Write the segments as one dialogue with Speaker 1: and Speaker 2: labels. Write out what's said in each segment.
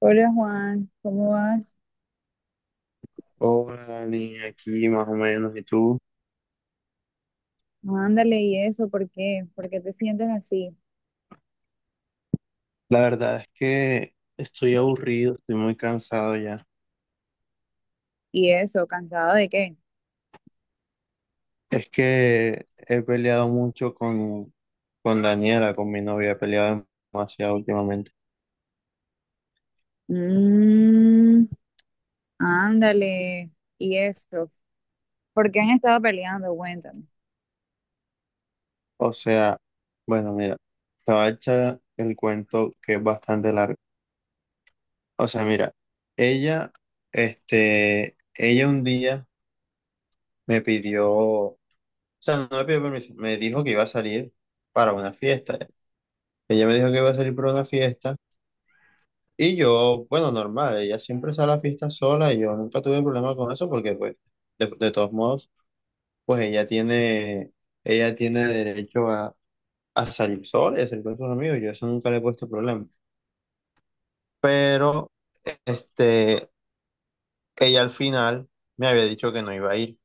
Speaker 1: Hola, Juan, ¿cómo vas?
Speaker 2: Hola, Dani, aquí más o menos, ¿y tú?
Speaker 1: No, ándale, ¿y eso? ¿Por qué? ¿Por qué te sientes así?
Speaker 2: La verdad es que estoy aburrido, estoy muy cansado ya.
Speaker 1: ¿Y eso? ¿Cansado de qué?
Speaker 2: Es que he peleado mucho con Daniela, con mi novia, he peleado demasiado últimamente.
Speaker 1: Mmm, ándale, ¿y eso? ¿Por qué han estado peleando? Cuéntame.
Speaker 2: O sea, bueno, mira, te voy a echar el cuento que es bastante largo. O sea, mira, ella, ella un día me pidió, o sea, no me pidió permiso, me dijo que iba a salir para una fiesta. Ella me dijo que iba a salir para una fiesta. Y yo, bueno, normal, ella siempre sale a la fiesta sola y yo nunca tuve problema con eso porque, pues, de todos modos, pues ella tiene derecho a salir sola y a salir con sus amigos, yo eso nunca le he puesto problema. Pero, este, ella al final me había dicho que no iba a ir,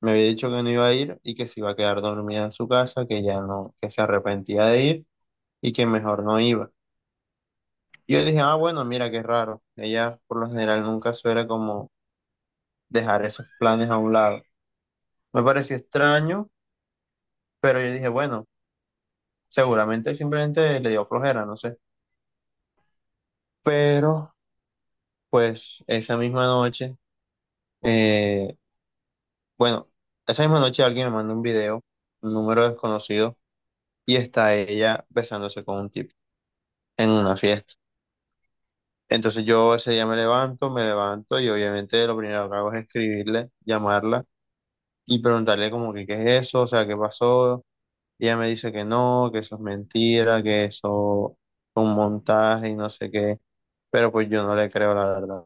Speaker 2: me había dicho que no iba a ir y que se iba a quedar dormida en su casa, que ya no, que se arrepentía de ir y que mejor no iba. Y yo dije, ah, bueno, mira qué raro, ella por lo general nunca suele como dejar esos planes a un lado. Me pareció extraño, pero yo dije, bueno, seguramente simplemente le dio flojera, no sé. Pero, pues, eh, bueno, esa misma noche alguien me manda un video, un número desconocido, y está ella besándose con un tipo en una fiesta. Entonces yo ese día me levanto y obviamente lo primero que hago es escribirle, llamarla y preguntarle como que qué es eso, o sea, qué pasó. Y ella me dice que no, que eso es mentira, que eso fue un montaje y no sé qué, pero pues yo no le creo la verdad.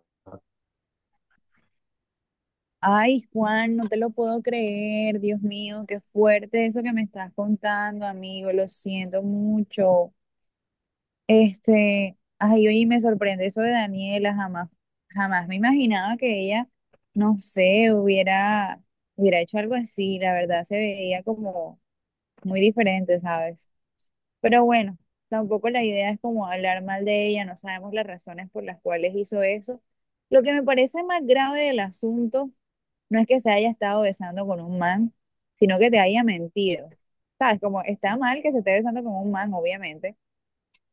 Speaker 1: Ay, Juan, no te lo puedo creer, Dios mío, qué fuerte eso que me estás contando, amigo, lo siento mucho. Ay, oye, me sorprende eso de Daniela, jamás me imaginaba que ella, no sé, hubiera hecho algo así, la verdad se veía como muy diferente, ¿sabes? Pero bueno, tampoco la idea es como hablar mal de ella, no sabemos las razones por las cuales hizo eso. Lo que me parece más grave del asunto no es que se haya estado besando con un man, sino que te haya mentido. ¿Sabes? Como está mal que se esté besando con un man, obviamente,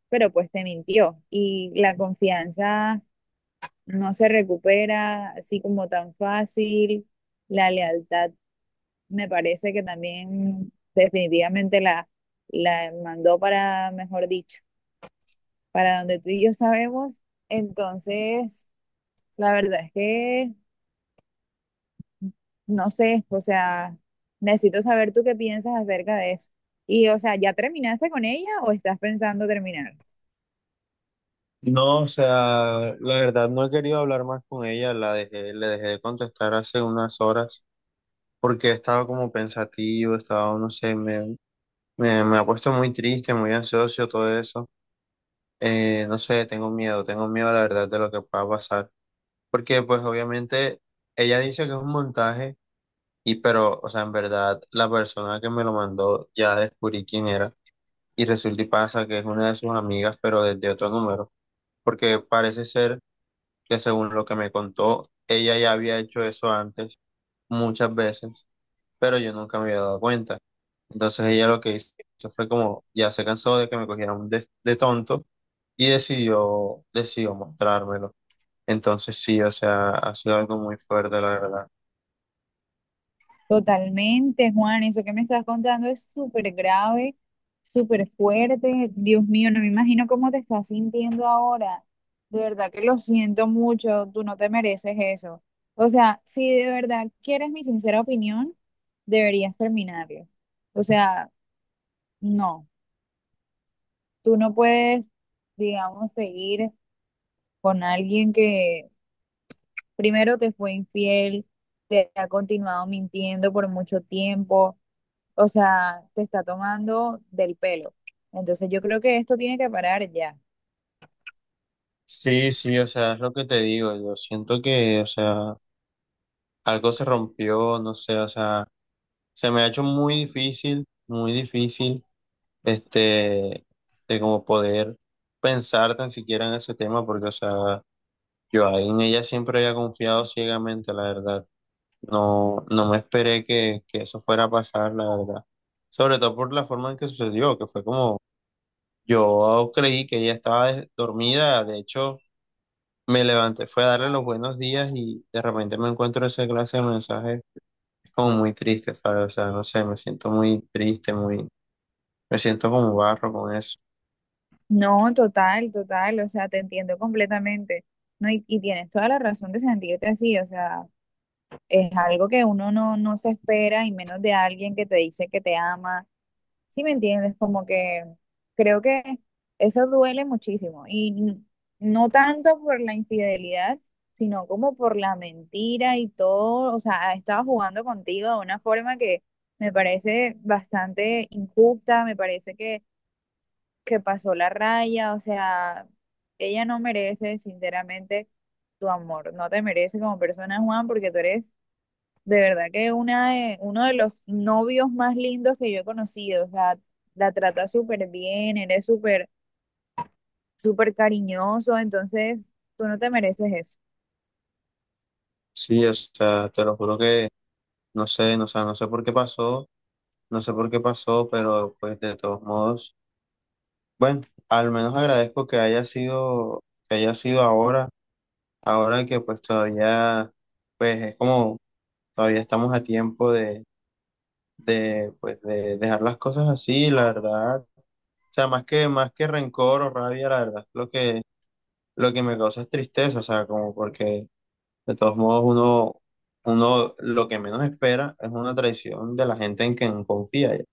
Speaker 1: pero pues te mintió y la confianza no se recupera así como tan fácil. La lealtad me parece que también definitivamente la mandó para, mejor dicho, para donde tú y yo sabemos. Entonces, la verdad es que no sé, o sea, necesito saber tú qué piensas acerca de eso. Y, o sea, ¿ya terminaste con ella o estás pensando terminar?
Speaker 2: No, o sea, la verdad no he querido hablar más con ella, la dejé, le dejé de contestar hace unas horas porque estaba como pensativo, estaba, no sé, me ha puesto muy triste, muy ansioso, todo eso. No sé, tengo miedo la verdad de lo que pueda pasar, porque pues obviamente ella dice que es un montaje. Y pero, o sea, en verdad, la persona que me lo mandó ya descubrí quién era y resulta y pasa que es una de sus amigas, pero desde otro número, porque parece ser que, según lo que me contó, ella ya había hecho eso antes muchas veces, pero yo nunca me había dado cuenta. Entonces ella lo que hizo fue como, ya se cansó de que me cogieran de, tonto y decidió mostrármelo. Entonces sí, o sea, ha sido algo muy fuerte, la verdad.
Speaker 1: Totalmente, Juan, eso que me estás contando es súper grave, súper fuerte. Dios mío, no me imagino cómo te estás sintiendo ahora. De verdad que lo siento mucho, tú no te mereces eso. O sea, si de verdad quieres mi sincera opinión, deberías terminarlo. O sea, no, tú no puedes, digamos, seguir con alguien que primero te fue infiel, te ha continuado mintiendo por mucho tiempo, o sea, te está tomando del pelo. Entonces yo creo que esto tiene que parar ya.
Speaker 2: Sí, sí, o sea, es lo que te digo, yo siento que, o sea, algo se rompió, no sé, o sea, se me ha hecho muy difícil, este, de como poder pensar tan siquiera en ese tema, porque, o sea, yo ahí en ella siempre había confiado ciegamente, la verdad, no, no me esperé que eso fuera a pasar, la verdad, sobre todo por la forma en que sucedió, que fue como, yo creí que ella estaba dormida, de hecho. Me levanté, fue a darle los buenos días y de repente me encuentro esa clase de mensajes. Es como muy triste, ¿sabes? O sea, no sé, me siento muy triste, me siento como barro con eso.
Speaker 1: No, total, o sea, te entiendo completamente. No, y tienes toda la razón de sentirte así, o sea, es algo que uno no se espera y menos de alguien que te dice que te ama. ¿Sí me entiendes? Como que creo que eso duele muchísimo y no tanto por la infidelidad, sino como por la mentira y todo, o sea, ha estado jugando contigo de una forma que me parece bastante injusta, me parece que pasó la raya, o sea, ella no merece sinceramente tu amor, no te merece como persona, Juan, porque tú eres de verdad que uno de los novios más lindos que yo he conocido, o sea, la trata súper bien, eres súper cariñoso, entonces tú no te mereces eso.
Speaker 2: Sí, o sea, te lo juro que no sé, no, o sea, no sé por qué pasó, no sé por qué pasó, pero pues de todos modos, bueno, al menos agradezco que haya sido, ahora, ahora que pues todavía, pues es como, todavía estamos a tiempo pues de dejar las cosas así, la verdad. O sea, más que rencor o rabia, la verdad, lo que me causa es tristeza, o sea, como porque de todos modos uno lo que menos espera es una traición de la gente en quien confía. Ya.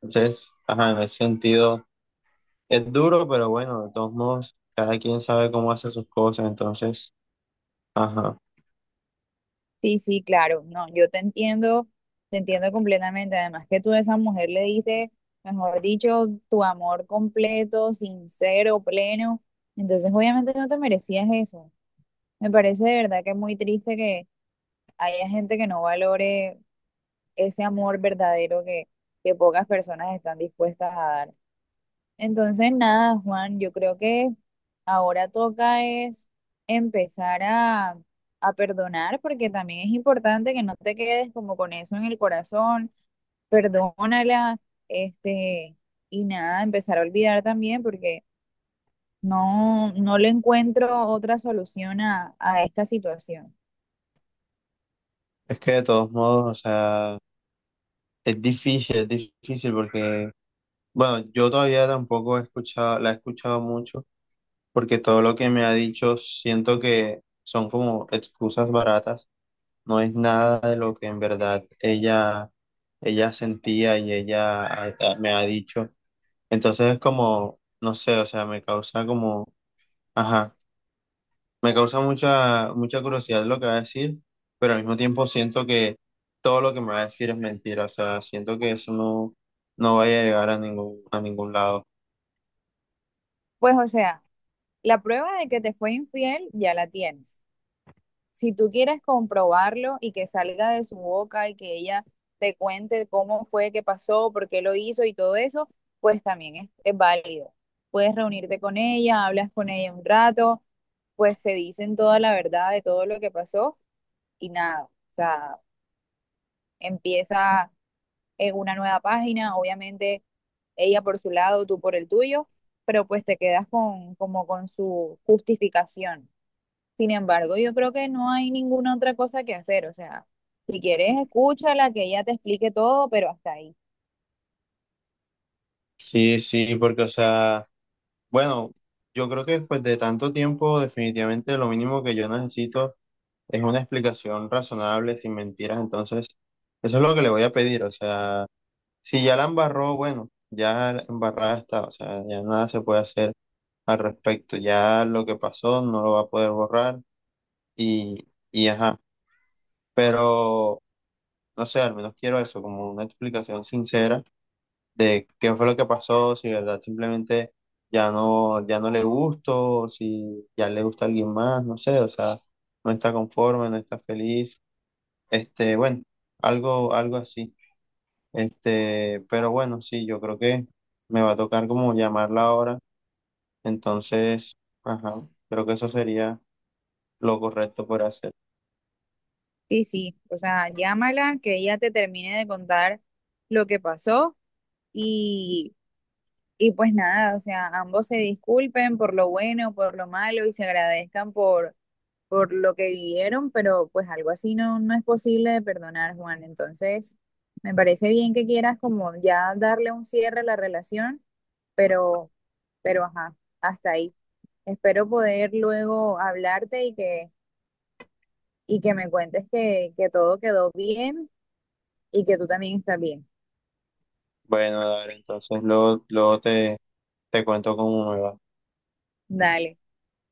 Speaker 2: Entonces, ajá, en ese sentido es duro, pero bueno, de todos modos, cada quien sabe cómo hace sus cosas, entonces, ajá,
Speaker 1: Sí, sí, claro, no, yo te entiendo completamente. Además que tú a esa mujer le diste, mejor dicho, tu amor completo, sincero, pleno, entonces obviamente no te merecías eso. Me parece de verdad que es muy triste que haya gente que no valore ese amor verdadero que pocas personas están dispuestas a dar. Entonces, nada, Juan, yo creo que ahora toca es empezar a perdonar, porque también es importante que no te quedes como con eso en el corazón, perdónala, este, y nada, empezar a olvidar también, porque no le encuentro otra solución a esta situación.
Speaker 2: es que de todos modos, o sea, es difícil porque, bueno, yo todavía tampoco he escuchado, la he escuchado mucho porque todo lo que me ha dicho siento que son como excusas baratas, no es nada de lo que en verdad ella sentía y ella me ha dicho. Entonces es como, no sé, o sea, me causa como, ajá, me causa mucha, mucha curiosidad lo que va a decir, pero al mismo tiempo siento que todo lo que me va a decir es mentira, o sea, siento que eso no vaya a llegar a ningún lado.
Speaker 1: Pues, o sea, la prueba de que te fue infiel ya la tienes. Si tú quieres comprobarlo y que salga de su boca y que ella te cuente cómo fue, qué pasó, por qué lo hizo y todo eso, pues también es válido. Puedes reunirte con ella, hablas con ella un rato, pues se dicen toda la verdad de todo lo que pasó y nada, o sea, empieza en una nueva página, obviamente ella por su lado, tú por el tuyo, pero pues te quedas con, como con su justificación. Sin embargo, yo creo que no hay ninguna otra cosa que hacer. O sea, si quieres, escúchala, que ella te explique todo, pero hasta ahí.
Speaker 2: Sí, sí, porque, o sea, bueno, yo creo que después de tanto tiempo, definitivamente lo mínimo que yo necesito es una explicación razonable, sin mentiras. Entonces, eso es lo que le voy a pedir. O sea, si ya la embarró, bueno, ya la embarrada está. O sea, ya nada se puede hacer al respecto. Ya lo que pasó no lo va a poder borrar y, ajá. Pero, no sé, al menos quiero eso, como una explicación sincera de qué fue lo que pasó, si de verdad simplemente ya no, ya no le gustó, si ya le gusta alguien más, no sé, o sea, no está conforme, no está feliz, bueno, algo, algo así, pero bueno, sí, yo creo que me va a tocar como llamarla ahora, entonces, ajá, creo que eso sería lo correcto por hacer.
Speaker 1: Sí, sí. O sea, llámala, que ella te termine de contar lo que pasó y, y pues nada, o sea, ambos se disculpen por lo bueno, por lo malo y se agradezcan por lo que vivieron, pero pues algo así no es posible de perdonar, Juan. Entonces, me parece bien que quieras como ya darle un cierre a la relación, pero, pero ajá, hasta ahí. Espero poder luego hablarte y y que me cuentes que todo quedó bien y que tú también estás bien.
Speaker 2: Bueno, dale, entonces luego, luego te cuento cómo me va.
Speaker 1: Dale.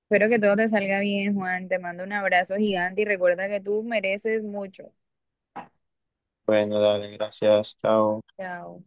Speaker 1: Espero que todo te salga bien, Juan. Te mando un abrazo gigante y recuerda que tú mereces mucho.
Speaker 2: Bueno, dale, gracias, chao.
Speaker 1: Chao.